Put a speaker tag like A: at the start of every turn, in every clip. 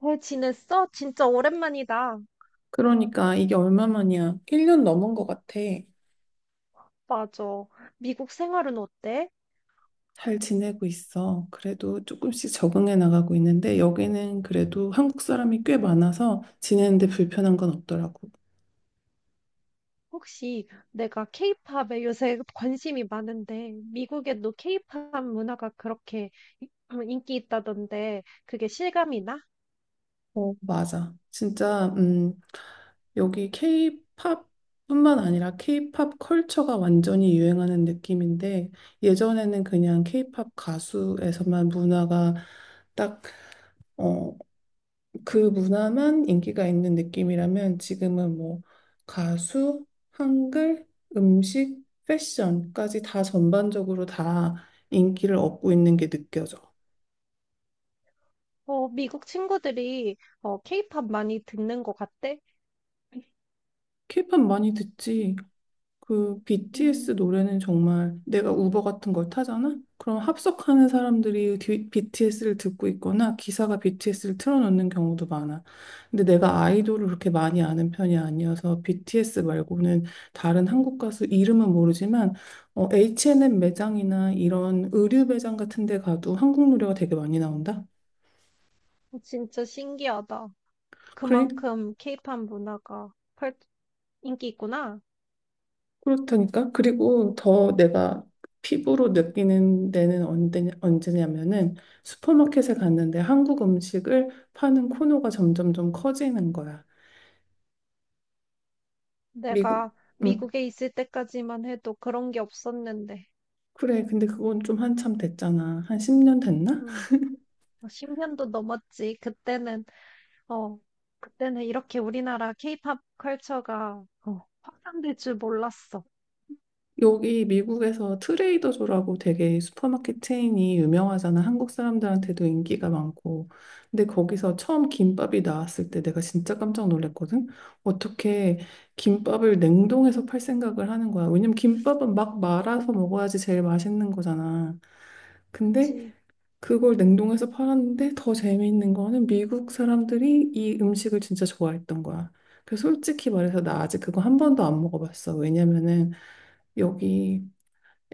A: 잘 지냈어? 진짜 오랜만이다.
B: 그러니까 이게 얼마만이야? 1년 넘은 것 같아.
A: 맞아. 미국 생활은 어때?
B: 잘 지내고 있어. 그래도 조금씩 적응해 나가고 있는데, 여기는 그래도 한국 사람이 꽤 많아서 지내는데 불편한 건 없더라고.
A: 혹시 내가 케이팝에 요새 관심이 많은데, 미국에도 케이팝 문화가 그렇게 인기 있다던데, 그게 실감이 나?
B: 어, 맞아. 진짜 여기 K-팝뿐만 아니라 K-팝 컬처가 완전히 유행하는 느낌인데, 예전에는 그냥 K-팝 가수에서만 문화가 딱, 어, 그 문화만 인기가 있는 느낌이라면, 지금은 뭐 가수, 한글, 음식, 패션까지 다 전반적으로 다 인기를 얻고 있는 게 느껴져.
A: 어, 미국 친구들이 케이팝 많이 듣는 것 같대?
B: 케이팝 많이 듣지. 그 BTS
A: 음,
B: 노래는 정말, 내가 우버 같은 걸 타잖아? 그럼 합석하는 사람들이 BTS를 듣고 있거나 기사가 BTS를 틀어놓는 경우도 많아. 근데 내가 아이돌을 그렇게 많이 아는 편이 아니어서 BTS 말고는 다른 한국 가수 이름은 모르지만, H&M 매장이나 이런 의류 매장 같은 데 가도 한국 노래가 되게 많이 나온다.
A: 진짜 신기하다. 그만큼 케이팝 문화가 인기 있구나.
B: 그렇다니까. 그리고 더 내가 피부로 느끼는 데는 언제, 언제냐면은, 슈퍼마켓에 갔는데 한국 음식을 파는 코너가 점점 좀 커지는 거야. 미국,
A: 내가
B: 응,
A: 미국에 있을 때까지만 해도 그런 게 없었는데.
B: 그래. 근데 그건 좀 한참 됐잖아. 한 10년 됐나?
A: 음. 어, 10년도 넘었지. 어, 그때는 이렇게 우리나라 케이팝 컬처가 확산될 줄 몰랐어.
B: 여기 미국에서 트레이더조라고 되게 슈퍼마켓 체인이 유명하잖아. 한국 사람들한테도 인기가 많고. 근데 거기서 처음 김밥이 나왔을 때 내가 진짜 깜짝 놀랐거든. 어떻게 김밥을 냉동해서 팔 생각을 하는 거야. 왜냐면 김밥은 막 말아서 먹어야지 제일 맛있는 거잖아. 근데
A: 그치.
B: 그걸 냉동해서 팔았는데, 더 재미있는 거는 미국 사람들이 이 음식을 진짜 좋아했던 거야. 그래서 솔직히 말해서 나 아직 그거 한 번도 안 먹어봤어. 왜냐면은 여기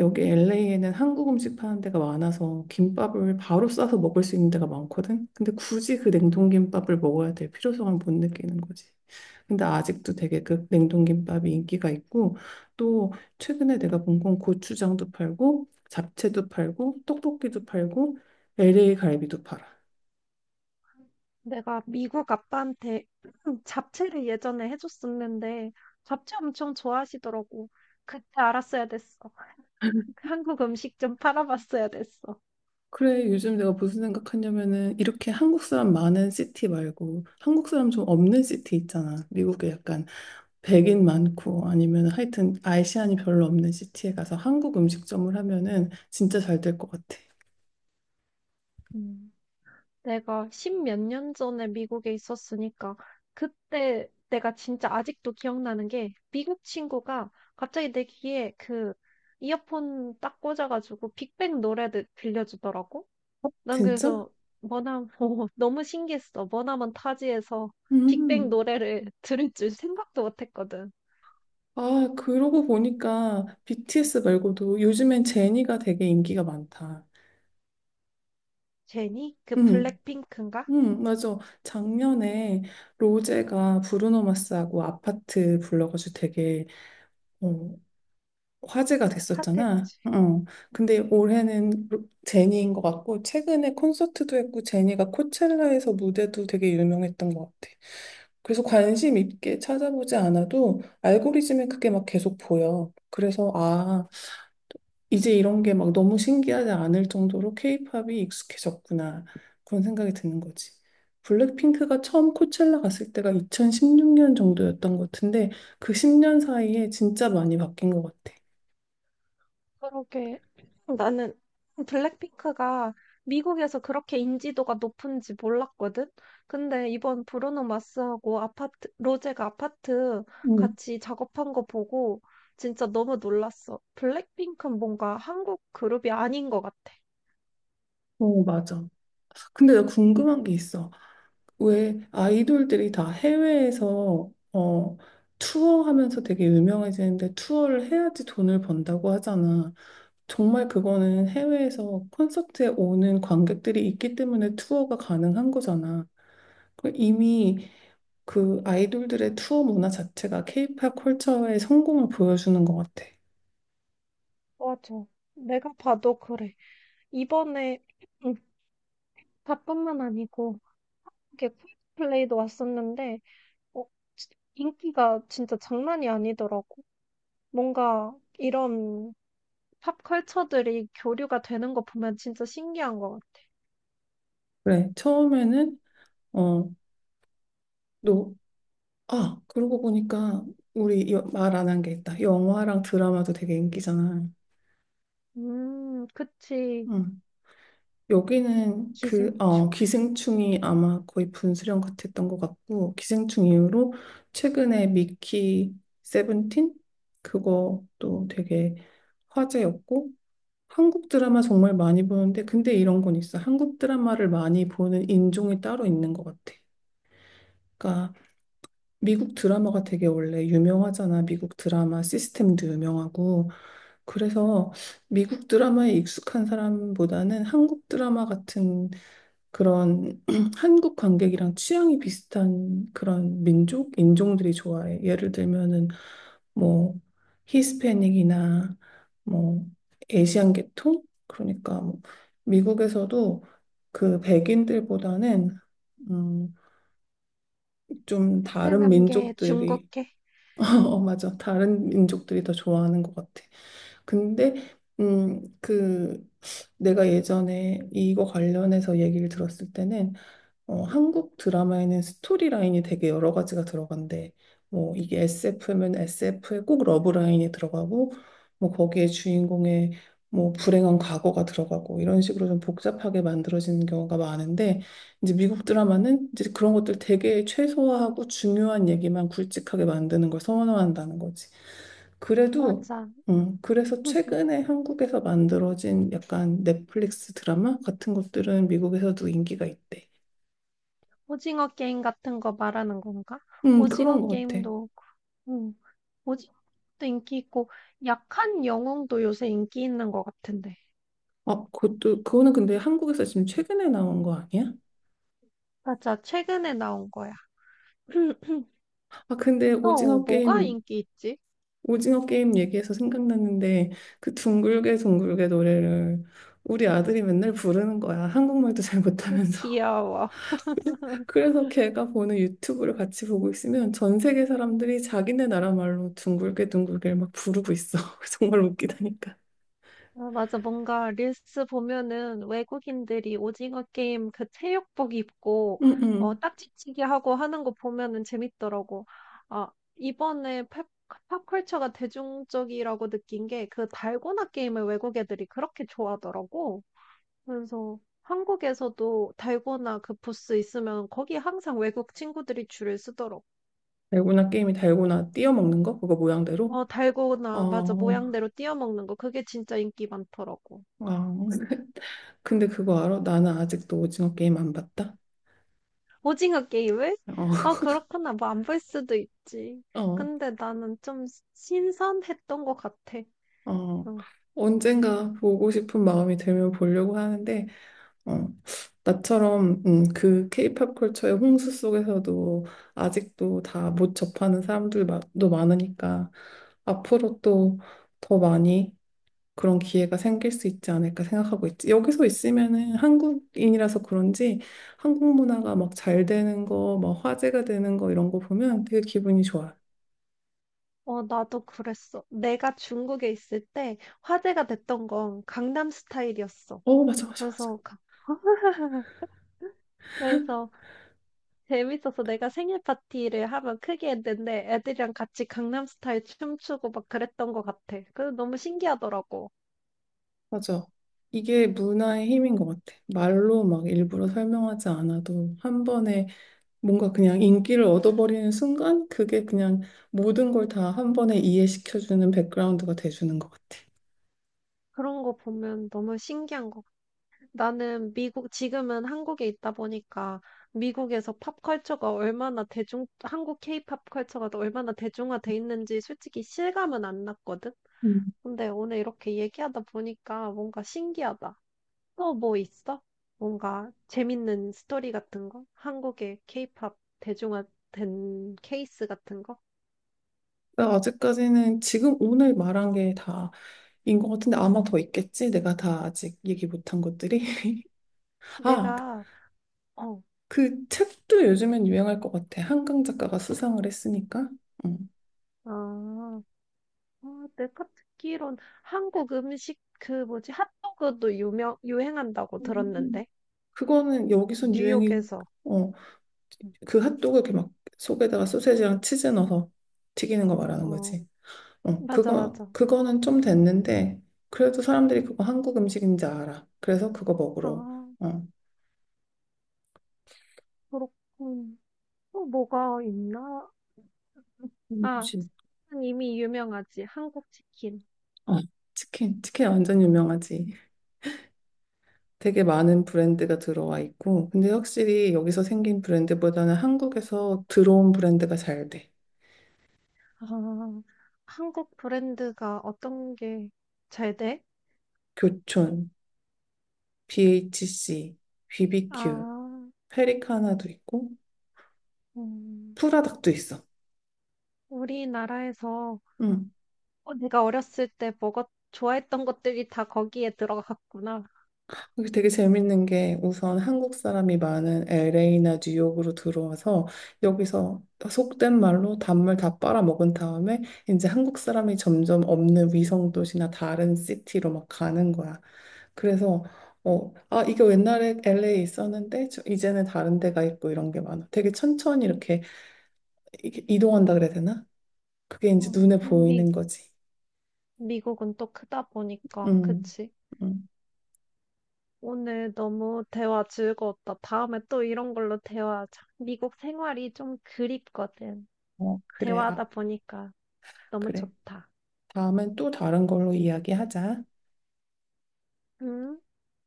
B: 여기 LA에는 한국 음식 파는 데가 많아서 김밥을 바로 싸서 먹을 수 있는 데가 많거든. 근데 굳이 그 냉동김밥을 먹어야 될 필요성을 못 느끼는 거지. 근데 아직도 되게 그 냉동김밥이 인기가 있고, 또 최근에 내가 본 건 고추장도 팔고 잡채도 팔고 떡볶이도 팔고 LA 갈비도 팔아.
A: 내가 미국 아빠한테 잡채를 예전에 해줬었는데, 잡채 엄청 좋아하시더라고. 그때 알았어야 됐어. 한국 음식 좀 팔아봤어야 됐어.
B: 그래, 요즘 내가 무슨 생각하냐면은, 이렇게 한국 사람 많은 시티 말고, 한국 사람 좀 없는 시티 있잖아. 미국에 약간 백인 많고, 아니면 하여튼 아시안이 별로 없는 시티에 가서 한국 음식점을 하면은 진짜 잘 될 것 같아.
A: 음. 내가 십 몇 년 전에 미국에 있었으니까 그때 내가 진짜 아직도 기억나는 게 미국 친구가 갑자기 내 귀에 그 이어폰 딱 꽂아가지고 빅뱅 노래를 들려주더라고. 난
B: 진짜?
A: 그래서 머나먼 너무 신기했어. 머나먼 타지에서 빅뱅
B: 음.
A: 노래를 들을 줄 생각도 못했거든.
B: 아, 그러고 보니까 BTS 말고도 요즘엔 제니가 되게 인기가 많다.
A: 제니? 그
B: 음.
A: 블랙핑크인가?
B: 맞아. 작년에 로제가 브루노 마스하고 아파트 불러가지고 되게, 어, 화제가 됐었잖아.
A: 핫했지.
B: 어.
A: 응.
B: 근데 올해는 제니인 것 같고, 최근에 콘서트도 했고, 제니가 코첼라에서 무대도 되게 유명했던 것 같아. 그래서 관심 있게 찾아보지 않아도 알고리즘에 그게 막 계속 보여. 그래서, 아, 이제 이런 게 막 너무 신기하지 않을 정도로 케이팝이 익숙해졌구나. 그런 생각이 드는 거지. 블랙핑크가 처음 코첼라 갔을 때가 2016년 정도였던 것 같은데, 그 10년 사이에 진짜 많이 바뀐 것 같아.
A: 그러게. 나는 블랙핑크가 미국에서 그렇게 인지도가 높은지 몰랐거든? 근데 이번 브루노 마스하고 아파트, 로제가 아파트
B: 음.
A: 같이 작업한 거 보고 진짜 너무 놀랐어. 블랙핑크는 뭔가 한국 그룹이 아닌 것 같아.
B: 어, 맞아. 근데 나 궁금한 게 있어. 왜 아이돌들이 다 해외에서 투어하면서 되게 유명해지는데, 투어를 해야지 돈을 번다고 하잖아. 정말 그거는 해외에서 콘서트에 오는 관객들이 있기 때문에 투어가 가능한 거잖아. 그 이미, 그 아이돌들의 투어 문화 자체가 케이팝 컬처의 성공을 보여주는 것 같아.
A: 맞아. 내가 봐도 그래. 이번에, 음, 다뿐만 아니고, 이렇게 플레이도 왔었는데, 어, 지- 인기가 진짜 장난이 아니더라고. 뭔가 이런 팝컬처들이 교류가 되는 거 보면 진짜 신기한 것 같아.
B: 그래, 처음에는, 어, 그러고 보니까 우리 말 안 한 게 있다. 영화랑 드라마도 되게 인기잖아.
A: 그치.
B: 응. 여기는 그,
A: 기생충?
B: 기생충이 아마 거의 분수령 같았던 것 같고, 기생충 이후로 최근에 미키 세븐틴? 그것도 되게 화제였고. 한국 드라마 정말 많이 보는데, 근데 이런 건 있어. 한국 드라마를 많이 보는 인종이 따로 있는 것 같아. 그러니까 미국 드라마가 되게 원래 유명하잖아. 미국 드라마 시스템도 유명하고. 그래서 미국 드라마에 익숙한 사람보다는 한국 드라마 같은 그런 한국 관객이랑 취향이 비슷한 그런 민족, 인종들이 좋아해. 예를 들면은 뭐 히스패닉이나 뭐 에시안 계통? 그러니까 뭐 미국에서도 그 백인들보다는, 음, 좀 다른
A: 베트남계,
B: 민족들이
A: 중국계.
B: 어, 맞아. 다른 민족들이 더 좋아하는 것 같아. 근데 그, 내가 예전에 이거 관련해서 얘기를 들었을 때는, 어, 한국 드라마에는 스토리라인이 되게 여러 가지가 들어간대. 뭐 이게 SF면 SF에 꼭 러브라인이 들어가고, 뭐 거기에 주인공의 뭐 불행한 과거가 들어가고, 이런 식으로 좀 복잡하게 만들어지는 경우가 많은데, 이제 미국 드라마는 이제 그런 것들 되게 최소화하고 중요한 얘기만 굵직하게 만드는 걸 선호한다는 거지. 그래도,
A: 맞아.
B: 그래서 최근에 한국에서 만들어진 약간 넷플릭스 드라마 같은 것들은 미국에서도 인기가 있대.
A: 오징어 게임 같은 거 말하는 건가?
B: 그런
A: 오징어
B: 것 같아.
A: 게임도, 음, 오징어도 인기 있고, 약한 영웅도 요새 인기 있는 것 같은데.
B: 아, 그것도, 그거는 근데 한국에서 지금 최근에 나온 거 아니야?
A: 맞아, 최근에 나온 거야.
B: 아, 근데
A: 어,
B: 오징어
A: 뭐가
B: 게임,
A: 인기 있지?
B: 오징어 게임 얘기해서 생각났는데, 그 둥글게 둥글게 노래를 우리 아들이 맨날 부르는 거야. 한국말도 잘 못하면서.
A: 귀여워.
B: 그래서 걔가 보는 유튜브를 같이 보고 있으면 전 세계 사람들이 자기네 나라 말로 둥글게 둥글게 막 부르고 있어. 정말 웃기다니까.
A: 아, 맞아. 뭔가 릴스 보면은 외국인들이 오징어 게임 그 체육복 입고
B: 응, 응.
A: 어, 딱지치기 하고 하는 거 보면은 재밌더라고. 아, 이번에 팝, 팝컬처가 대중적이라고 느낀 게 그 달고나 게임을 외국 애들이 그렇게 좋아하더라고. 그래서 한국에서도 달고나 그 부스 있으면 거기 항상 외국 친구들이 줄을 서더라고.
B: 달고나 게임이 달고나 띄어먹는 거? 그거 모양대로?
A: 어, 달고나, 맞아.
B: 아,
A: 모양대로 띄워 먹는 거. 그게 진짜 인기 많더라고.
B: 아. 근데 그거 알아? 나는 아직도 오징어 게임 안 봤다.
A: 오징어 게임을?
B: 어.
A: 아, 그렇구나. 뭐 안 볼 수도 있지.
B: 어,
A: 근데 나는 좀 신선했던 것 같아.
B: 어.
A: 응. 응.
B: 언젠가 보고 싶은 마음이 들면 보려고 하는데, 어, 나처럼, 그 케이팝 컬처의 홍수 속에서도 아직도 다 못 접하는 사람들도 많으니까 앞으로 또 더 많이 그런 기회가 생길 수 있지 않을까 생각하고 있지. 여기서 있으면은 한국인이라서 그런지 한국 문화가 막 잘 되는 거, 막 화제가 되는 거, 이런 거 보면 되게 기분이 좋아요.
A: 어, 나도 그랬어. 내가 중국에 있을 때 화제가 됐던 건 강남 스타일이었어.
B: 어, 맞아, 맞아, 맞아.
A: 그래서, 가- 그래서 재밌어서 내가 생일 파티를 하면 크게 했는데 애들이랑 같이 강남 스타일 춤추고 막 그랬던 것 같아. 그래서 너무 신기하더라고.
B: 맞아. 이게 문화의 힘인 것 같아. 말로 막 일부러 설명하지 않아도 한 번에 뭔가 그냥 인기를 얻어버리는 순간 그게 그냥 모든 걸 다 한 번에 이해시켜주는 백그라운드가 돼주는 것 같아.
A: 그런 거 보면 너무 신기한 거. 나는 미국, 지금은 한국에 있다 보니까 미국에서 팝컬처가 얼마나 한국 케이팝 컬처가 얼마나 대중화돼 있는지 솔직히 실감은 안 났거든?
B: 음.
A: 근데 오늘 이렇게 얘기하다 보니까 뭔가 신기하다. 또 뭐 있어? 뭔가 재밌는 스토리 같은 거? 한국의 케이팝 대중화된 케이스 같은 거?
B: 나 아직까지는 지금 오늘 말한 게다 인 것 같은데, 아마 더 있겠지? 내가 다 아직 얘기 못한 것들이. 아,
A: 내가, 어,
B: 그 책도 요즘엔 유행할 것 같아. 한강 작가가 수상을 했으니까. 음.
A: 아, 아, 내가 듣기론 한국 음식 그 뭐지 핫도그도 유명 유행한다고
B: 음.
A: 들었는데
B: 그거는 여기선 유행이,
A: 뉴욕에서
B: 어,
A: 음.
B: 그 핫도그 이렇게 막 속에다가 소세지랑 치즈 넣어서 튀기는 거 말하는
A: 어
B: 거지. 어,
A: 맞아
B: 그거
A: 맞아
B: 그거는 좀 됐는데 그래도 사람들이 그거 한국 음식인 줄 알아. 그래서 그거 먹으러.
A: 아
B: 어.
A: 그렇군 또 뭐가 있나 아
B: 음식.
A: 치킨은 이미 유명하지 한국 치킨
B: 어, 치킨 완전 유명하지. 되게 많은 브랜드가 들어와 있고, 근데 확실히 여기서 생긴 브랜드보다는 한국에서 들어온 브랜드가 잘 돼.
A: 아 한국 브랜드가 어떤 게 잘 돼?
B: 교촌, BHC, BBQ,
A: 아
B: 페리카나도 있고,
A: 음,
B: 프라닭도 있어.
A: 우리나라에서
B: 음.
A: 어, 내가 어렸을 때 먹었 좋아했던 것들이 다 거기에 들어갔구나.
B: 여기 되게 재밌는 게, 우선 한국 사람이 많은 LA나 뉴욕으로 들어와서 여기서 속된 말로 단물 다 빨아먹은 다음에 이제 한국 사람이 점점 없는 위성 도시나 다른 시티로 막 가는 거야. 그래서, 이거 옛날에 LA에 있었는데 이제는 다른 데가 있고, 이런 게 많아. 되게 천천히 이렇게 이동한다 그래야 되나? 그게
A: 어,
B: 이제 눈에
A: 미,
B: 보이는 거지.
A: 미국은 또 크다 보니까,
B: 음.
A: 그치?
B: 음.
A: 오늘 너무 대화 즐거웠다. 다음에 또 이런 걸로 대화하자. 미국 생활이 좀 그립거든.
B: 어, 그래, 아,
A: 대화하다 보니까 너무
B: 그래.
A: 좋다.
B: 다음엔 또 다른 걸로 이야기하자.
A: 응?